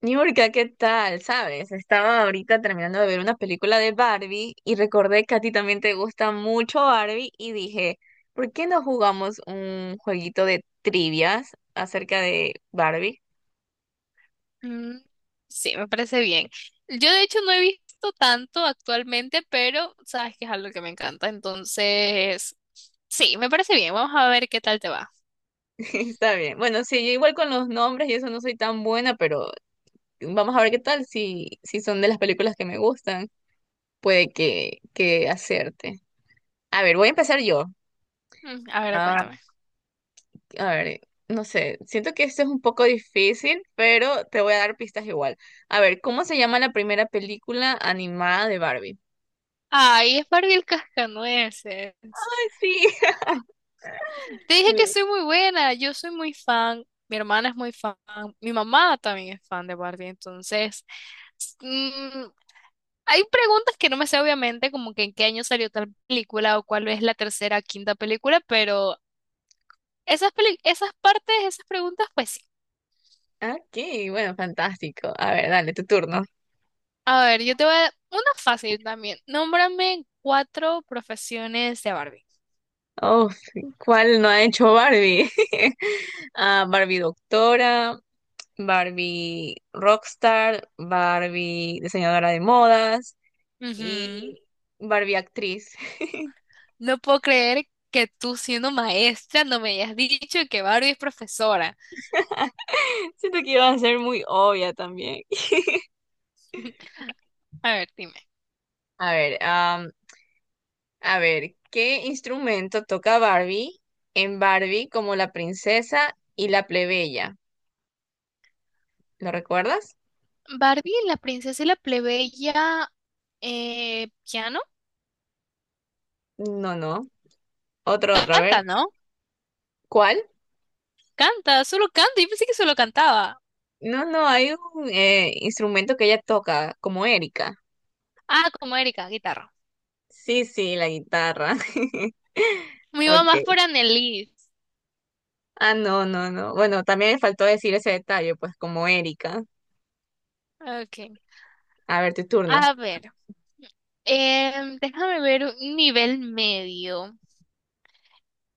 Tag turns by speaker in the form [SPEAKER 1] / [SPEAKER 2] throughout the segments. [SPEAKER 1] Niurka, ¿qué tal? ¿Sabes? Estaba ahorita terminando de ver una película de Barbie y recordé que a ti también te gusta mucho Barbie y dije, ¿por qué no jugamos un jueguito de trivias acerca de Barbie?
[SPEAKER 2] Mm, sí, me parece bien. Yo de hecho no he visto tanto actualmente, pero sabes que es algo que me encanta. Entonces, sí, me parece bien. Vamos a ver qué tal te va.
[SPEAKER 1] Está bien. Bueno, sí, yo igual con los nombres y eso no soy tan buena, pero vamos a ver qué tal si son de las películas que me gustan. Puede que hacerte. A ver, voy a empezar yo.
[SPEAKER 2] A ver, cuéntame.
[SPEAKER 1] A ver, no sé, siento que esto es un poco difícil, pero te voy a dar pistas igual. A ver, ¿cómo se llama la primera película animada de Barbie?
[SPEAKER 2] Ay, es Barbie el cascanueces.
[SPEAKER 1] Ay, sí.
[SPEAKER 2] Te dije que
[SPEAKER 1] Sí.
[SPEAKER 2] soy muy buena, yo soy muy fan, mi hermana es muy fan, mi mamá también es fan de Barbie, entonces... s- Mm, hay preguntas que no me sé obviamente, como que en qué año salió tal película o cuál es la tercera, quinta película, pero esas, esas partes, esas preguntas, pues sí.
[SPEAKER 1] Aquí, bueno, fantástico. A ver, dale, tu turno.
[SPEAKER 2] A ver, yo te voy a dar una fácil también. Nómbrame cuatro profesiones de Barbie.
[SPEAKER 1] Oh, sí. ¿Cuál no ha hecho Barbie? Ah, Barbie doctora, Barbie rockstar, Barbie diseñadora de modas
[SPEAKER 2] Ujú.
[SPEAKER 1] y Barbie actriz.
[SPEAKER 2] No puedo creer que tú siendo maestra no me hayas dicho que Barbie es profesora.
[SPEAKER 1] Siento que iba a ser muy obvia también.
[SPEAKER 2] A ver, dime.
[SPEAKER 1] A ver, a ver, ¿qué instrumento toca Barbie en Barbie como la princesa y la plebeya? ¿Lo recuerdas?
[SPEAKER 2] Barbie, la princesa y la plebeya, piano,
[SPEAKER 1] No, no. Otro, a ver.
[SPEAKER 2] canta, ¿no?
[SPEAKER 1] ¿Cuál?
[SPEAKER 2] Canta, solo canta. Yo pensé que solo cantaba.
[SPEAKER 1] No, no, hay un instrumento que ella toca, como Erika.
[SPEAKER 2] Ah, como Erika, guitarra.
[SPEAKER 1] Sí, sí, la guitarra.
[SPEAKER 2] Me iba más
[SPEAKER 1] Okay.
[SPEAKER 2] por Annelies.
[SPEAKER 1] Ah, no, no, no. Bueno, también me faltó decir ese detalle, pues como Erika.
[SPEAKER 2] Ok.
[SPEAKER 1] A ver, tu turno.
[SPEAKER 2] A ver. Déjame ver un nivel medio.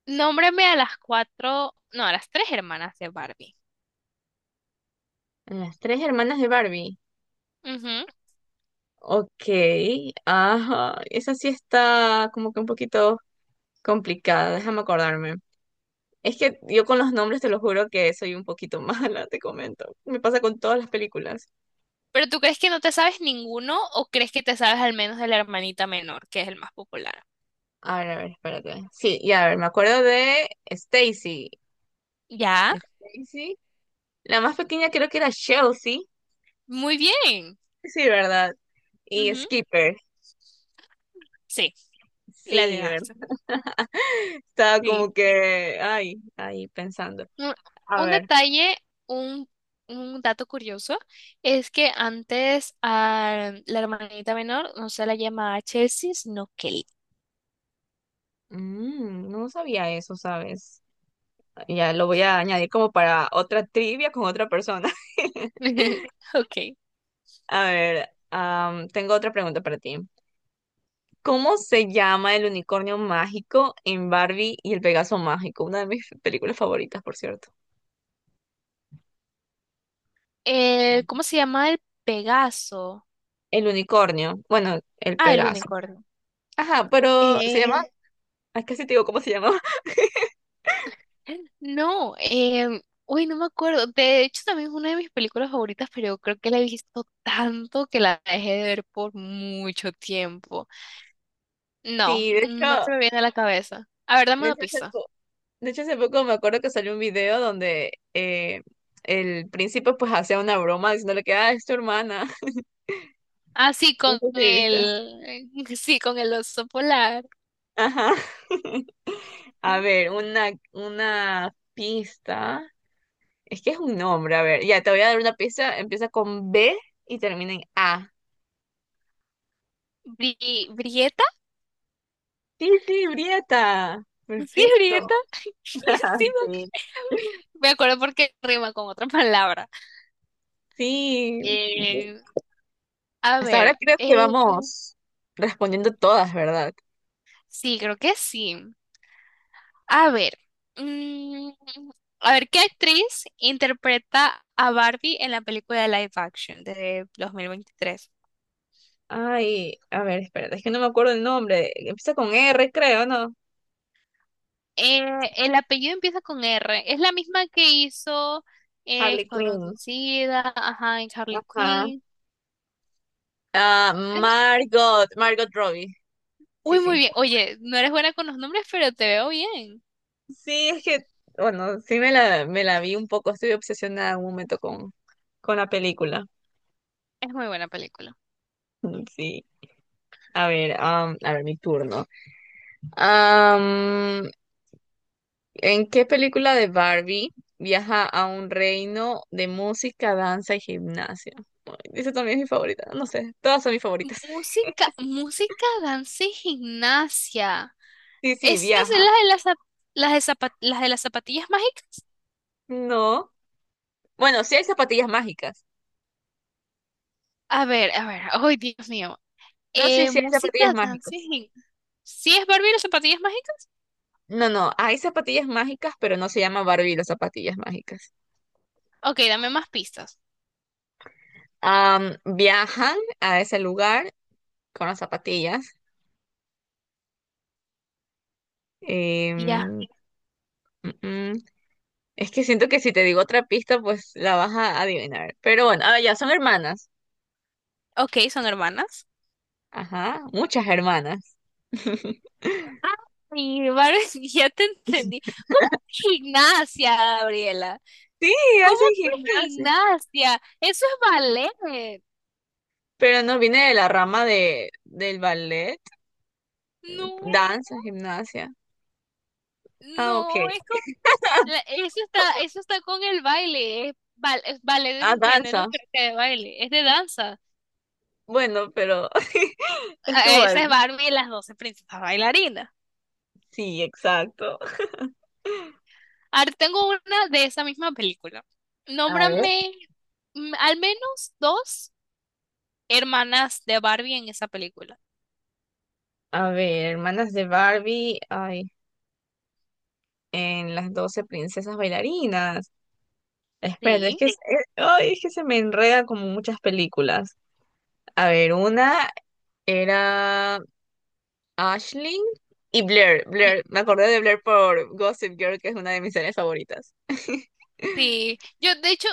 [SPEAKER 2] Nómbrame a las cuatro, no, a las tres hermanas de Barbie.
[SPEAKER 1] Las 3 hermanas de Barbie.
[SPEAKER 2] Ujú.
[SPEAKER 1] Ok, ajá. Esa sí está como que un poquito complicada, déjame acordarme. Es que yo con los nombres te lo juro que soy un poquito mala, te comento. Me pasa con todas las películas.
[SPEAKER 2] ¿Pero tú crees que no te sabes ninguno o crees que te sabes al menos de la hermanita menor, que es el más popular?
[SPEAKER 1] A ver, espérate. Sí, ya, a ver, me acuerdo de Stacy.
[SPEAKER 2] Ya,
[SPEAKER 1] Stacy. La más pequeña creo que era Chelsea.
[SPEAKER 2] muy bien.
[SPEAKER 1] Sí, ¿verdad? Y
[SPEAKER 2] Ujú.
[SPEAKER 1] Skipper.
[SPEAKER 2] Sí, la
[SPEAKER 1] Sí, ¿verdad?
[SPEAKER 2] adivinaste.
[SPEAKER 1] Estaba
[SPEAKER 2] Sí.
[SPEAKER 1] como que, ay, ahí pensando.
[SPEAKER 2] Un,
[SPEAKER 1] A
[SPEAKER 2] un
[SPEAKER 1] ver,
[SPEAKER 2] detalle, un, un dato curioso, es que antes a la hermanita menor no se la llamaba Chelsea, sino Kelly.
[SPEAKER 1] mm, no sabía eso, ¿sabes? Ya lo voy a añadir como para otra trivia con otra persona.
[SPEAKER 2] Ok.
[SPEAKER 1] A ver, tengo otra pregunta para ti. ¿Cómo se llama el unicornio mágico en Barbie y el Pegaso mágico? Una de mis películas favoritas, por cierto.
[SPEAKER 2] ¿Eh, cómo se llama el Pegaso?
[SPEAKER 1] El unicornio, bueno, el
[SPEAKER 2] Ah, el
[SPEAKER 1] Pegaso.
[SPEAKER 2] unicornio.
[SPEAKER 1] Ajá, pero se llama,
[SPEAKER 2] Eh,
[SPEAKER 1] ah, casi te digo cómo se llama.
[SPEAKER 2] No, em, uy, no me acuerdo. De hecho, también es una de mis películas favoritas, pero yo creo que la he visto tanto que la dejé de ver por mucho tiempo. No,
[SPEAKER 1] Sí, de
[SPEAKER 2] no
[SPEAKER 1] hecho,
[SPEAKER 2] se me viene a la cabeza. A ver, dame
[SPEAKER 1] de
[SPEAKER 2] una
[SPEAKER 1] hecho hace
[SPEAKER 2] pista.
[SPEAKER 1] po- de hecho, hace poco me acuerdo que salió un video donde el príncipe pues hacía una broma diciéndole que, ah, es tu hermana.
[SPEAKER 2] Ah, sí,
[SPEAKER 1] No
[SPEAKER 2] con
[SPEAKER 1] sé si viste.
[SPEAKER 2] el, sí, con el oso polar.
[SPEAKER 1] Ajá. A ver, una pista. Es que es un nombre, a ver. Ya, te voy a dar una pista. Empieza con B y termina en A.
[SPEAKER 2] ¿Brieta?
[SPEAKER 1] Tilti Brieta.
[SPEAKER 2] Sí,
[SPEAKER 1] Perfecto.
[SPEAKER 2] Brieta. Sí, me ac-
[SPEAKER 1] Sí.
[SPEAKER 2] me acuerdo porque rima con otra palabra.
[SPEAKER 1] Sí.
[SPEAKER 2] Eh, a
[SPEAKER 1] Hasta ahora
[SPEAKER 2] ver,
[SPEAKER 1] creo que vamos respondiendo todas, ¿verdad?
[SPEAKER 2] sí, creo que sí. A ver, mm, a ver, ¿qué actriz interpreta a Barbie en la película de live action de 2023?
[SPEAKER 1] Ay, a ver, espérate, es que no me acuerdo el nombre. Empieza con R, creo, ¿no?
[SPEAKER 2] Eh, el apellido empieza con R. Es la misma que hizo
[SPEAKER 1] Harley
[SPEAKER 2] Escuadrón
[SPEAKER 1] Quinn.
[SPEAKER 2] Suicida, ajá, en Harley
[SPEAKER 1] Ajá.
[SPEAKER 2] Quinn.
[SPEAKER 1] Ah,
[SPEAKER 2] Es-
[SPEAKER 1] Margot, Margot Robbie.
[SPEAKER 2] Uy,
[SPEAKER 1] Sí,
[SPEAKER 2] muy
[SPEAKER 1] sí.
[SPEAKER 2] bien. Oye, no eres buena con los nombres, pero te veo bien.
[SPEAKER 1] Sí, es que, bueno, sí me la vi un poco. Estuve obsesionada en un momento con la película.
[SPEAKER 2] Es muy buena película.
[SPEAKER 1] Sí. A ver, a ver, mi turno. Am, ¿En qué película de Barbie viaja a un reino de música, danza y gimnasia? Ay, esa también es mi favorita. No sé, todas son mis favoritas.
[SPEAKER 2] Música, danza y gimnasia.
[SPEAKER 1] Sí, sí,
[SPEAKER 2] ¿Estas son
[SPEAKER 1] viaja.
[SPEAKER 2] las de las, las de las zapatillas mágicas?
[SPEAKER 1] No. Bueno, sí hay zapatillas mágicas.
[SPEAKER 2] A ver, a ver. Ay, Dios mío.
[SPEAKER 1] No, sí, sí hay zapatillas
[SPEAKER 2] Música,
[SPEAKER 1] mágicas.
[SPEAKER 2] dancing. ¿Sí es Barbie y las zapatillas mágicas?
[SPEAKER 1] No, no, hay zapatillas mágicas, pero no se llama Barbie y las zapatillas mágicas.
[SPEAKER 2] Ok, dame más pistas.
[SPEAKER 1] Viajan a ese lugar con las zapatillas. Eh,
[SPEAKER 2] Ya.
[SPEAKER 1] Es que siento que si te digo otra pista, pues la vas a adivinar. Pero bueno, ah, ya son hermanas.
[SPEAKER 2] Ok, son hermanas.
[SPEAKER 1] Ajá, muchas hermanas.
[SPEAKER 2] Ay, Barbie, ya te entendí. ¿Cómo que gimnasia, Gabriela?
[SPEAKER 1] Sí,
[SPEAKER 2] ¿Cómo
[SPEAKER 1] hacen
[SPEAKER 2] que
[SPEAKER 1] gimnasia.
[SPEAKER 2] gimnasia? Eso es ballet.
[SPEAKER 1] Pero no viene de la rama del ballet,
[SPEAKER 2] No.
[SPEAKER 1] danza, gimnasia. Ah, ok.
[SPEAKER 2] No, es como, eso está con el baile, es, es ballet, es
[SPEAKER 1] Ah,
[SPEAKER 2] un género
[SPEAKER 1] danza.
[SPEAKER 2] creo que de baile, es de danza.
[SPEAKER 1] Bueno, pero estuvo
[SPEAKER 2] Ah,
[SPEAKER 1] ahí.
[SPEAKER 2] esa es Barbie y las doce princesas bailarinas.
[SPEAKER 1] Sí, exacto.
[SPEAKER 2] Ahora tengo una de esa misma película.
[SPEAKER 1] A ver.
[SPEAKER 2] Nómbrame al menos dos hermanas de Barbie en esa película.
[SPEAKER 1] A ver, hermanas de Barbie. Ay, en las 12 princesas bailarinas. Espera, es
[SPEAKER 2] Sí.
[SPEAKER 1] que, ay, es que se me enreda como muchas películas. A ver, una era Ashley y Blair.
[SPEAKER 2] Sí,
[SPEAKER 1] Blair, me acordé de Blair por Gossip Girl, que es una de mis series favoritas.
[SPEAKER 2] sí. yo de hecho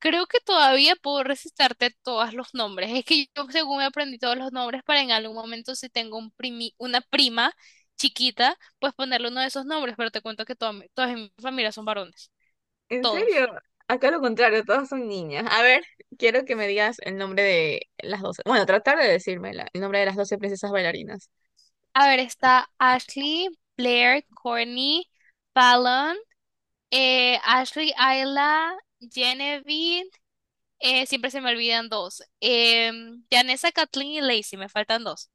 [SPEAKER 2] Creo que todavía puedo recitarte todos los nombres. Es que yo, según me aprendí todos los nombres, para en algún momento, si tengo un una prima chiquita, pues ponerle uno de esos nombres. Pero te cuento que todas en mi familia son varones.
[SPEAKER 1] ¿En
[SPEAKER 2] Todos.
[SPEAKER 1] serio? Acá lo contrario, todas son niñas. A ver, quiero que me digas el nombre de las 12. Bueno, tratar de decirme el nombre de las 12 princesas bailarinas.
[SPEAKER 2] A ver, está Ashley, Blair, Courtney, Fallon, Ashley, Ayla, Genevieve. Siempre se me olvidan dos. Janessa, Kathleen y Lacey. Me faltan dos.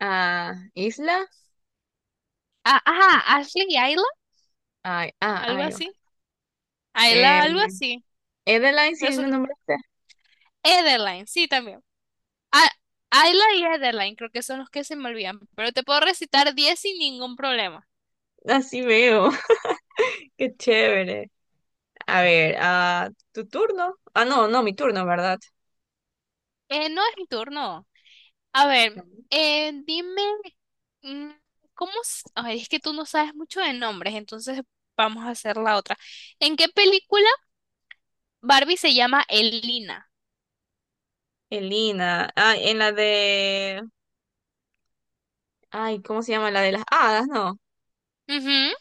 [SPEAKER 1] Ah, Isla.
[SPEAKER 2] Ah, ajá, Ashley y Ayla,
[SPEAKER 1] Ay, ah,
[SPEAKER 2] algo
[SPEAKER 1] ay. Oh.
[SPEAKER 2] así. Ayla, algo
[SPEAKER 1] Eh,
[SPEAKER 2] así.
[SPEAKER 1] Edeline,
[SPEAKER 2] Pero
[SPEAKER 1] sí,
[SPEAKER 2] son
[SPEAKER 1] no nombraste.
[SPEAKER 2] Ederline, sí, también. A- Ayla y Ederline, creo que son los que se me olvidan, pero te puedo recitar 10 sin ningún problema.
[SPEAKER 1] Así veo. Qué chévere. A ver, ah, tu turno. Ah, no, no, mi turno, ¿verdad?
[SPEAKER 2] No es mi turno. A ver, dime, mm, ¿cómo? Ay, es que tú no sabes mucho de nombres, entonces vamos a hacer la otra. ¿En qué película Barbie se llama Elina?
[SPEAKER 1] Elina. Ah, en la de. Ay, ¿cómo se llama? La de las hadas, ¿no?
[SPEAKER 2] Ujú.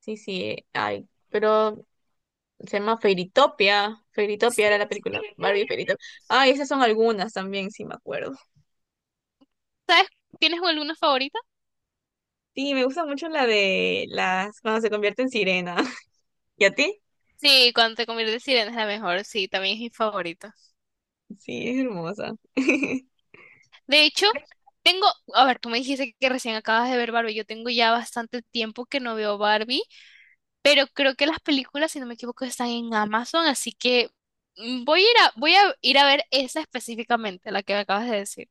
[SPEAKER 1] Sí, sí. Ay, pero se llama Fairytopia.
[SPEAKER 2] Sí,
[SPEAKER 1] Fairytopia era la
[SPEAKER 2] muy
[SPEAKER 1] película. Barbie
[SPEAKER 2] bien.
[SPEAKER 1] Fairytopia. Ay, esas son algunas también, sí me acuerdo.
[SPEAKER 2] ¿Tienes alguna favorita?
[SPEAKER 1] Sí, me gusta mucho la de las. Cuando se convierte en sirena. ¿Y a ti?
[SPEAKER 2] Sí, cuando te conviertes en sirena es la mejor, sí, también es mi favorita.
[SPEAKER 1] Sí, es hermosa.
[SPEAKER 2] De hecho, tengo, a ver, tú me dijiste que recién acabas de ver Barbie, yo tengo ya bastante tiempo que no veo Barbie, pero creo que las películas, si no me equivoco, están en Amazon, así que voy a ir a, voy a ir a ver esa específicamente, la que me acabas de decir.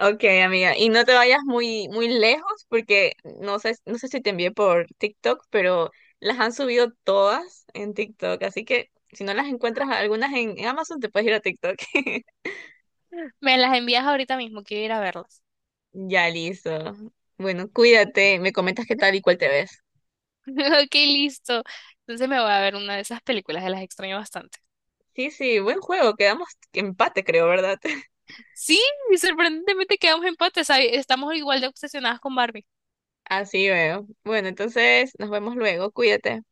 [SPEAKER 1] Ok, amiga, y no te vayas muy, muy lejos porque no sé, no sé si te envié por TikTok, pero las han subido todas en TikTok, así que si no las encuentras algunas en Amazon, te puedes ir a TikTok.
[SPEAKER 2] Me las envías ahorita mismo, quiero ir a verlas.
[SPEAKER 1] Ya listo. Bueno, cuídate, me comentas qué tal y cuál te ves.
[SPEAKER 2] Ok, listo. Entonces me voy a ver una de esas películas, que las extraño bastante.
[SPEAKER 1] Sí, sí, buen juego, quedamos empate, creo, ¿verdad?
[SPEAKER 2] Sí, y sorprendentemente quedamos en empate, ¿sabes? Estamos igual de obsesionadas con Barbie.
[SPEAKER 1] Así veo. Bueno, entonces nos vemos luego, cuídate.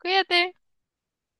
[SPEAKER 2] Cuídate.